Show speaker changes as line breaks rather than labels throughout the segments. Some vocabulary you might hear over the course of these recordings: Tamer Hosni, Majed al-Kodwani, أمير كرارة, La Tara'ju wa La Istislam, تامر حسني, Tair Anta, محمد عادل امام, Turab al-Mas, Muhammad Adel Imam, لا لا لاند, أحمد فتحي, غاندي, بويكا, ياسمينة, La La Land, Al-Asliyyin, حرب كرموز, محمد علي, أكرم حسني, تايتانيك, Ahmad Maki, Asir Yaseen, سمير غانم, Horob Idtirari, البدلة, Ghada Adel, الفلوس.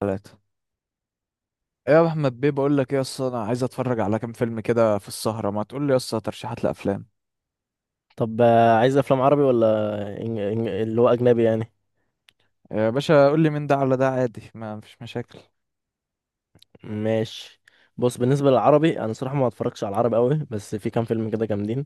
ثلاثة. ايه يا احمد بيه، بقول لك ايه اصلا؟ انا عايز اتفرج على كام فيلم كده في السهرة، ما تقول لي اصلا ترشيحات لافلام.
طب عايز افلام عربي ولا اللي هو اجنبي يعني.
يا باشا قول لي مين ده على ده، عادي ما فيش مشاكل.
ماشي. بص، بالنسبه للعربي انا صراحه ما اتفرجش على العربي قوي، بس في كام فيلم كده جامدين.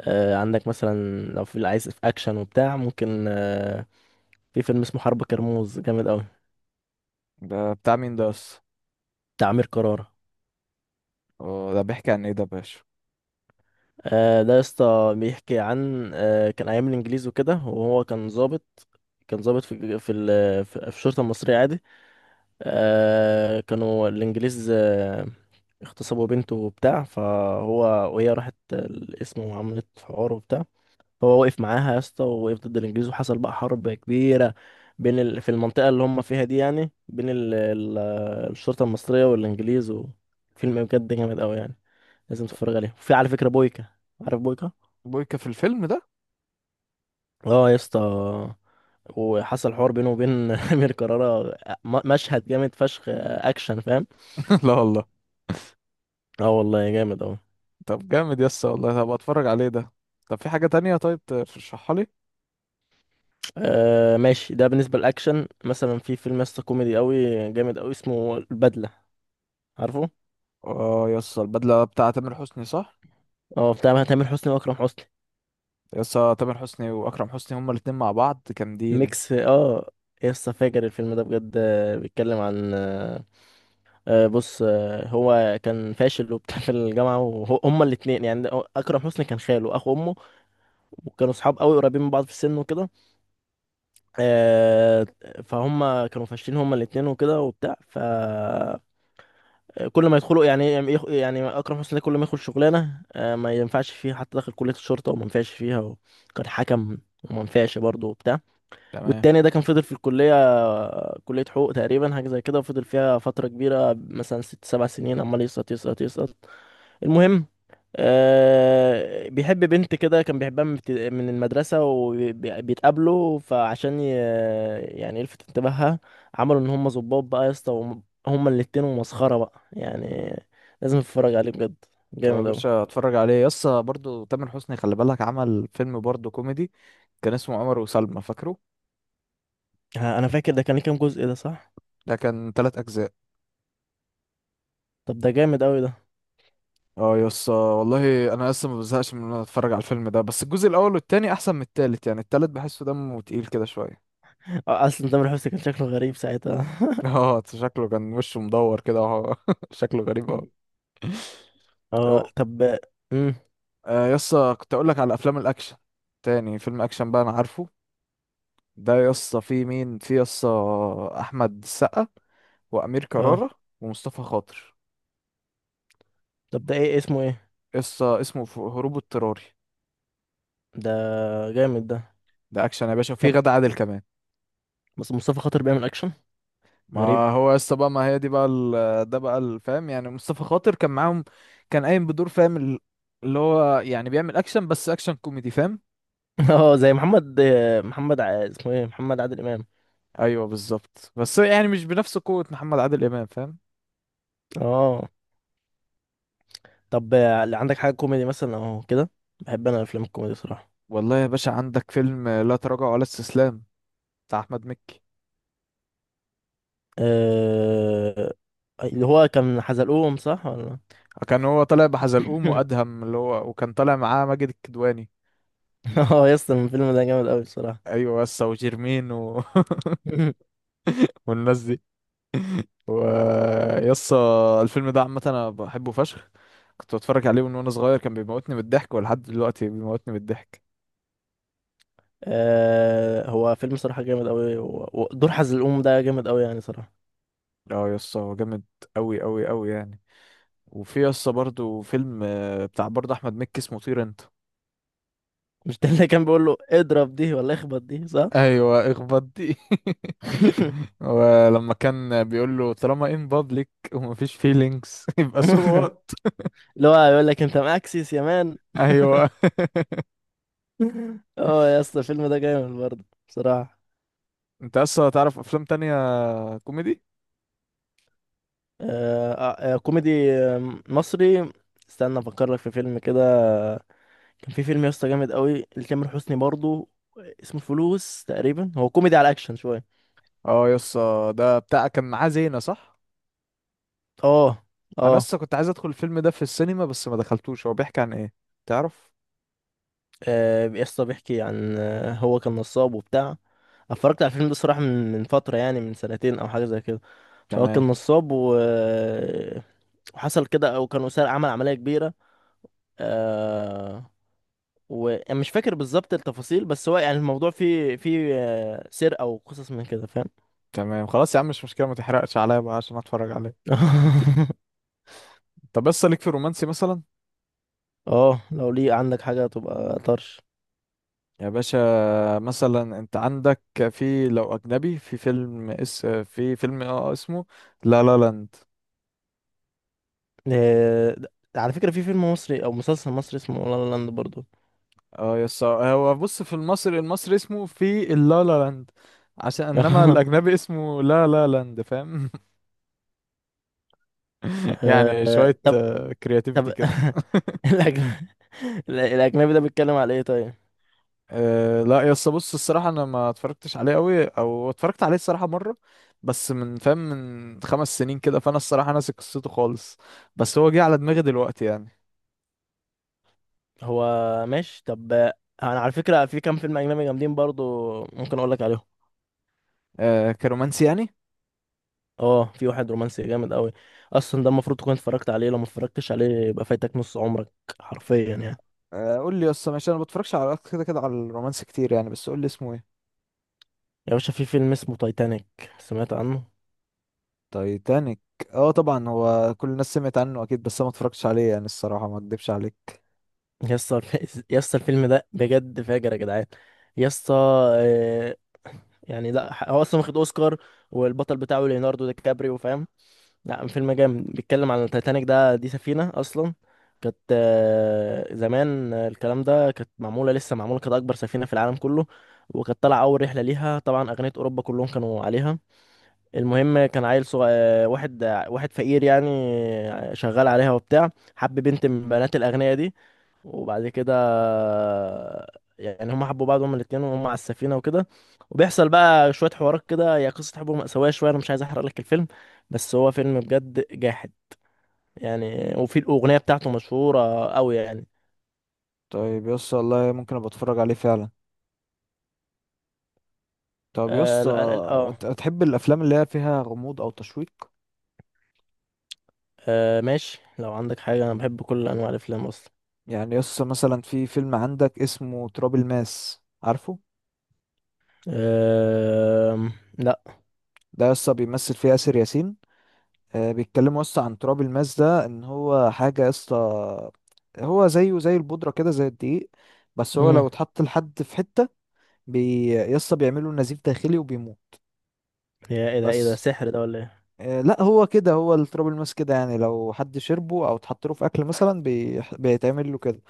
آه، عندك مثلا لو في اللي عايز في اكشن وبتاع ممكن، في فيلم اسمه حرب كرموز، جامد قوي،
ده بتاع مين ده اصلا؟
بتاع امير كرارة.
أه، ده بيحكي عن ايه ده يا باشا؟
ده يا اسطى بيحكي عن، كان ايام الانجليز وكده، وهو كان ضابط. كان ضابط في في ال... في في الشرطه المصريه عادي. كانوا الإنجليز، اغتصبوا بنته وبتاع، فهو، وهي راحت القسم وعملت حوار وبتاع. هو وقف معاها يا اسطى، ووقف ضد الإنجليز، وحصل بقى حرب كبيرة في المنطقة اللي هم فيها دي، يعني الشرطة المصرية والإنجليز. وفيلم بجد جامد أوي يعني، لازم
طب.
تتفرج عليه. وفي على فكرة بويكا. عارف بويكا؟
بويكا في الفيلم ده؟
اه يا اسطى. وحصل حوار بينه وبين أمير كرارة. مشهد جامد فشخ، آه، أكشن فاهم؟
لا والله.
اه والله جامد أوي.
طب جامد يسا والله، طب اتفرج عليه ده. طب في حاجة تانية، طيب ترشحها لي.
آه ماشي، ده بالنسبة للأكشن. مثلا في فيلم يسطا كوميدي أوي، جامد أوي، اسمه البدلة. عارفه؟
اه يسا، البدلة بتاع تامر حسني صح؟
اه، بتاع تامر حسني وأكرم حسني.
يسا تامر حسني واكرم حسني هما الاتنين مع بعض جامدين.
ميكس اه. يسطا فاجر الفيلم ده بجد، آه، بيتكلم عن، بص، هو كان فاشل وبتاع في الجامعة، وهما الاتنين يعني أكرم حسني كان خاله أخو أمه، وكانوا صحاب أوي قريبين من بعض في السن وكده. آه. فهم كانوا فاشلين هما الاتنين وكده وبتاع. ف كل ما يدخلوا، يعني اكرم حسني ده كل ما يدخل شغلانه، آه، ما ينفعش فيها. حتى داخل كليه الشرطه وما ينفعش فيها، وكان حكم، وما ينفعش برضه وبتاع.
تمام.
والتاني ده كان فضل في الكليه، آه، كليه حقوق تقريبا، حاجه زي كده، وفضل فيها فتره كبيره مثلا 6 7 سنين، عمال يسقط يسقط يسقط. المهم، آه، بيحب بنت كده، كان بيحبها من المدرسة وبيتقابلوا، فعشان يعني يلفت انتباهها، عملوا ان هم ظباط بقى يا اسطى، هما الاتنين، ومسخرة بقى يعني. لازم تتفرج عليه بجد.
طب يا
جامد اوي.
باشا اتفرج عليه يسا، برضو تامر حسني خلي بالك عمل فيلم برضو كوميدي، كان اسمه عمر وسلمى، فاكره؟
ها، انا فاكر ده كان ليه كام جزء ده صح؟
ده كان 3 اجزاء.
طب ده جامد اوي ده.
اه يسا والله انا لسه ما بزهقش من ان انا اتفرج على الفيلم ده، بس الجزء الاول والتاني احسن من التالت، يعني التالت بحسه دمه تقيل كده شويه.
آه، اصلا تامر حسني كان شكله غريب ساعتها
اه شكله كان وشه مدور كده، وهو شكله غريب اوي. اه
اه طب. امم
يسا كنت اقول لك على افلام الاكشن. تاني فيلم اكشن بقى انا عارفه، ده يسا في مين، في يسا احمد السقا وامير
اه
كرارة ومصطفى خاطر.
طب، ده ايه اسمه ايه؟
قصه اسمه هروب اضطراري.
ده جامد ده.
ده اكشن يا باشا، وفيه
طب
غادة عادل كمان.
بس مصطفى خاطر بيعمل اكشن؟ غريب.
ما هو قصه بقى، ما هي دي بقى ده بقى الفهم، يعني مصطفى خاطر كان معاهم. كان قايم بدور، فاهم اللي هو يعني بيعمل اكشن، بس اكشن كوميدي فاهم.
اه، زي محمد. اسمه ايه؟ محمد عادل امام.
ايوه بالظبط، بس يعني مش بنفس قوه محمد عادل امام فاهم.
اه، طب، عندك حاجه كوميدي مثلا او كده؟ بحب انا الافلام الكوميدي صراحه.
والله يا باشا عندك فيلم لا تراجع ولا استسلام، بتاع احمد مكي.
أه... اللي هو كان حزلقوم صح ولا؟
كان هو طالع بحزلقوم وادهم، اللي هو وكان طالع معاه ماجد الكدواني.
اه، يس الفيلم ده جامد قوي الصراحه.
ايوه، بس وجيرمين والناس دي. ويسا الفيلم ده عامة أنا بحبه فشخ، كنت بتفرج عليه من وأنا صغير، كان بيموتني من الضحك، ولحد دلوقتي بيموتني من الضحك.
هو فيلم صراحه جامد قوي، ودور حزلقوم ده جامد قوي يعني صراحه.
اه يسا هو جامد أوي أوي أوي يعني. وفي يسا برضو فيلم، بتاع برضه أحمد مكي، اسمه طير أنت.
مش ده اللي كان بيقول له اضرب دي ولا اخبط دي صح؟
أيوة، اخبط دي. ولما كان بيقول له طالما ان بابليك ومفيش فيلينجز يبقى سو وات.
اللي هو يقول لك انت مأكسس يا مان.
أيوة.
اه يا اسطى الفيلم ده جامد برضه بصراحة.
أنت يسا تعرف أفلام تانية كوميدي؟
آه، آه، آه، كوميدي، آه، مصري. استنى افكر لك في فيلم كده. كان في فيلم يا اسطى جامد قوي لتامر حسني برضه، اسمه الفلوس تقريبا. هو كوميدي على اكشن شوية.
اه يسا ده بتاع كان معاه زينة صح؟
اه.
انا
اه.
لسه كنت عايز ادخل الفيلم ده في السينما، بس ما دخلتوش، هو بيحكي عن ايه تعرف؟
آه، يا اسطى بيحكي عن، آه، هو كان نصاب وبتاع. اتفرجت على الفيلم ده الصراحة من فترة، يعني من سنتين او حاجة زي كده. فهو كان
تمام.
نصاب و... آه، وحصل كده، او كانوا سرق، عمل عملية كبيرة. آه. وانا مش فاكر بالظبط التفاصيل، بس هو يعني الموضوع فيه، آه، سرقة وقصص من كده فاهم.
تمام خلاص يا عم، مش مشكله، ما تحرقش عليا بقى عشان اتفرج عليه. طب بس ليك في الرومانسي مثلا؟
اه، لو ليه عندك حاجة تبقى طرش.
يا باشا مثلا انت عندك، في لو اجنبي، في فيلم اس، في فيلم اه اسمه لا لا لاند.
آه، د- على فكرة في فيلم مصري او مسلسل مصري اسمه لا لا لاند برضو.
اه يس هو بص، في المصري المصري اسمه في اللا لا لاند، عشان انما الاجنبي اسمه لا لا لاند فاهم. يعني
آه،
شويه
طب. طب
كرياتيفيتي كده.
الأجن- الاجنبي ده بيتكلم على ايه طيب؟
أه لا يا اسطى بص، الصراحه انا ما اتفرجتش عليه قوي، او اتفرجت عليه الصراحه مره، بس من فاهم من 5 سنين كده، فانا الصراحه ناسي قصته خالص، بس هو جه على دماغي دلوقتي يعني.
هو ماشي طب، آه، انا على فكرة في كام فيلم اجنبي جامدين برضو ممكن اقول لك عليهم.
أه كرومانسي يعني.
اه، في واحد رومانسي جامد قوي. اصلا ده المفروض تكون اتفرجت عليه، لو ما اتفرجتش عليه يبقى فايتك نص عمرك، حرفيا يعني.
أه قول لي يا اسطى ماشي، انا ما بتفرجش على كده كده على الرومانسي كتير يعني، بس قول لي اسمه ايه.
يا باشا في فيلم اسمه تايتانيك، سمعت عنه؟
تايتانيك. اه طبعا هو كل الناس سمعت عنه اكيد، بس انا ما اتفرجتش عليه يعني، الصراحه ما اكدبش عليك.
يسطا يسطا الفيلم ده بجد فاجر يا جدعان. يسطا، آه، يعني، لا ح- هو اصلا واخد اوسكار، والبطل بتاعه ليوناردو دي كابريو فاهم. لا، فيلم جامد، بيتكلم عن التايتانيك. ده دي سفينة أصلا، كانت، آه، زمان، آه، الكلام ده كانت معمولة، لسه معمولة، كانت أكبر سفينة في العالم كله. وكانت طالعة أول رحلة ليها، طبعا أغنية أوروبا كلهم كانوا عليها. المهم، كان عيل صغير واحد، آه، واحد فقير يعني، آه، شغال عليها وبتاع. حب بنت من بنات الأغنياء دي. وبعد كده يعني هما حبوا بعض هما الاتنين، وهم على السفينة وكده. وبيحصل بقى شوية حوارات كده. هي قصة حب مأساوية شوية، أنا مش عايز أحرق لك الفيلم. بس هو فيلم بجد جاحد يعني. وفي الأغنية بتاعته مشهورة أوي يعني.
طيب يا اسطى والله ممكن ابقى اتفرج عليه فعلا. طب يا
آه،
اسطى
لا لا لا، آه،
انت بتحب الافلام اللي هي فيها غموض او تشويق؟
آه ماشي، لو عندك حاجة أنا بحب كل أنواع الأفلام أصلا.
يعني يسطا مثلا في فيلم عندك اسمه تراب الماس، عارفه؟
آه لا.
ده يسطا بيمثل فيه آسر ياسين. آه بيتكلموا يسطا عن تراب الماس ده، ان هو حاجة يسطا، هو زيه زي البودرة كده، زي الدقيق، بس هو
مم.
لو اتحط لحد في حتة يسطا بيعمله نزيف داخلي وبيموت.
يا إيه ده، إيه ده
بس
سحر ده ولا إيه؟
آه لا هو كده، هو التراب الماس كده يعني لو حد شربه او اتحط له في اكل مثلا بيتعمل له كده.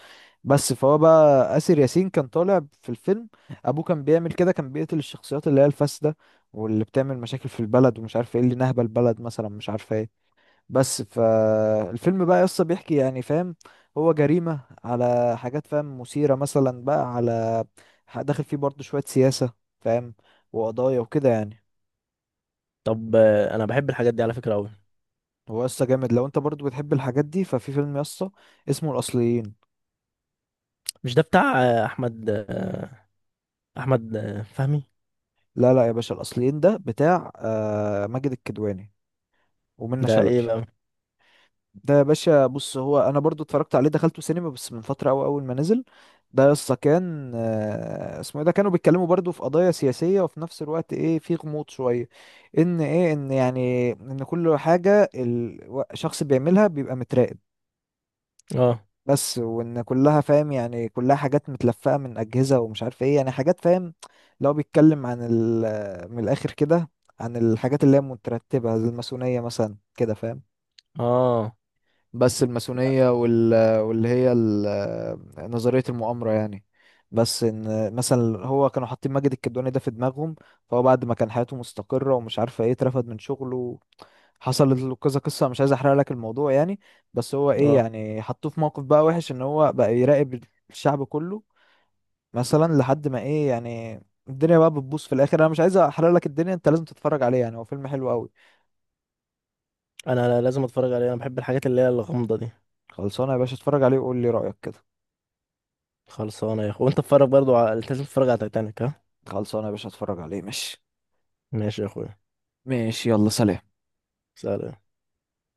بس فهو بقى آسر ياسين كان طالع في الفيلم، ابوه كان بيعمل كده، كان بيقتل الشخصيات اللي هي الفاسدة، واللي بتعمل مشاكل في البلد ومش عارف ايه، اللي نهبة البلد مثلا مش عارف ايه. بس فالفيلم بقى يسطا بيحكي يعني فاهم، هو جريمة على حاجات فاهم مثيرة مثلا بقى على، داخل فيه برضه شوية سياسة فاهم وقضايا وكده يعني.
طب، أنا بحب الحاجات دي على فكرة أوي.
هو يسطا جامد، لو انت برضه بتحب الحاجات دي ففي فيلم يسطا اسمه الأصليين.
مش ده بتاع أحمد، أحمد، فهمي؟
لا لا يا باشا، الأصليين ده بتاع ماجد الكدواني ومنة
ده إيه
شلبي.
بقى؟
ده يا باشا بص، هو انا برضو اتفرجت عليه دخلته سينما، بس من فتره قوي اول ما نزل. ده يسطا كان اسمه ايه ده، كانوا بيتكلموا برضو في قضايا سياسيه، وفي نفس الوقت ايه في غموض شويه، ان ايه ان يعني ان كل حاجه الشخص بيعملها بيبقى متراقب،
اه.
بس وان كلها فاهم يعني كلها حاجات متلفقه من اجهزه ومش عارف ايه يعني حاجات فاهم. لو بيتكلم عن ال من الاخر كده، عن الحاجات اللي هي مترتبه زي الماسونيه مثلا كده فاهم.
اه.
بس الماسونية نظرية المؤامرة يعني. بس ان مثلا هو كانوا حاطين ماجد الكدواني ده في دماغهم، فهو بعد ما كان حياته مستقرة ومش عارفة ايه اترفد من شغله، حصلت له كذا قصة، مش عايز احرق لك الموضوع يعني. بس هو ايه
اه.
يعني حطوه في موقف بقى وحش، ان هو بقى يراقب الشعب كله مثلا، لحد ما ايه يعني الدنيا بقى بتبوظ في الاخر، انا مش عايز احرق لك الدنيا، انت لازم تتفرج عليه يعني، هو فيلم حلو قوي.
أنا لازم اتفرج عليه، انا بحب الحاجات اللي هي الغامضه دي.
خلصانه يا باشا اتفرج عليه وقول لي رأيك كده.
خلصانه يا اخو، وانت اتفرج برضو لازم تتفرج على تايتانيك، ها؟
خلصانه يا باشا اتفرج عليه ماشي.
ماشي يا اخويا.
ماشي يلا سلام.
سلام.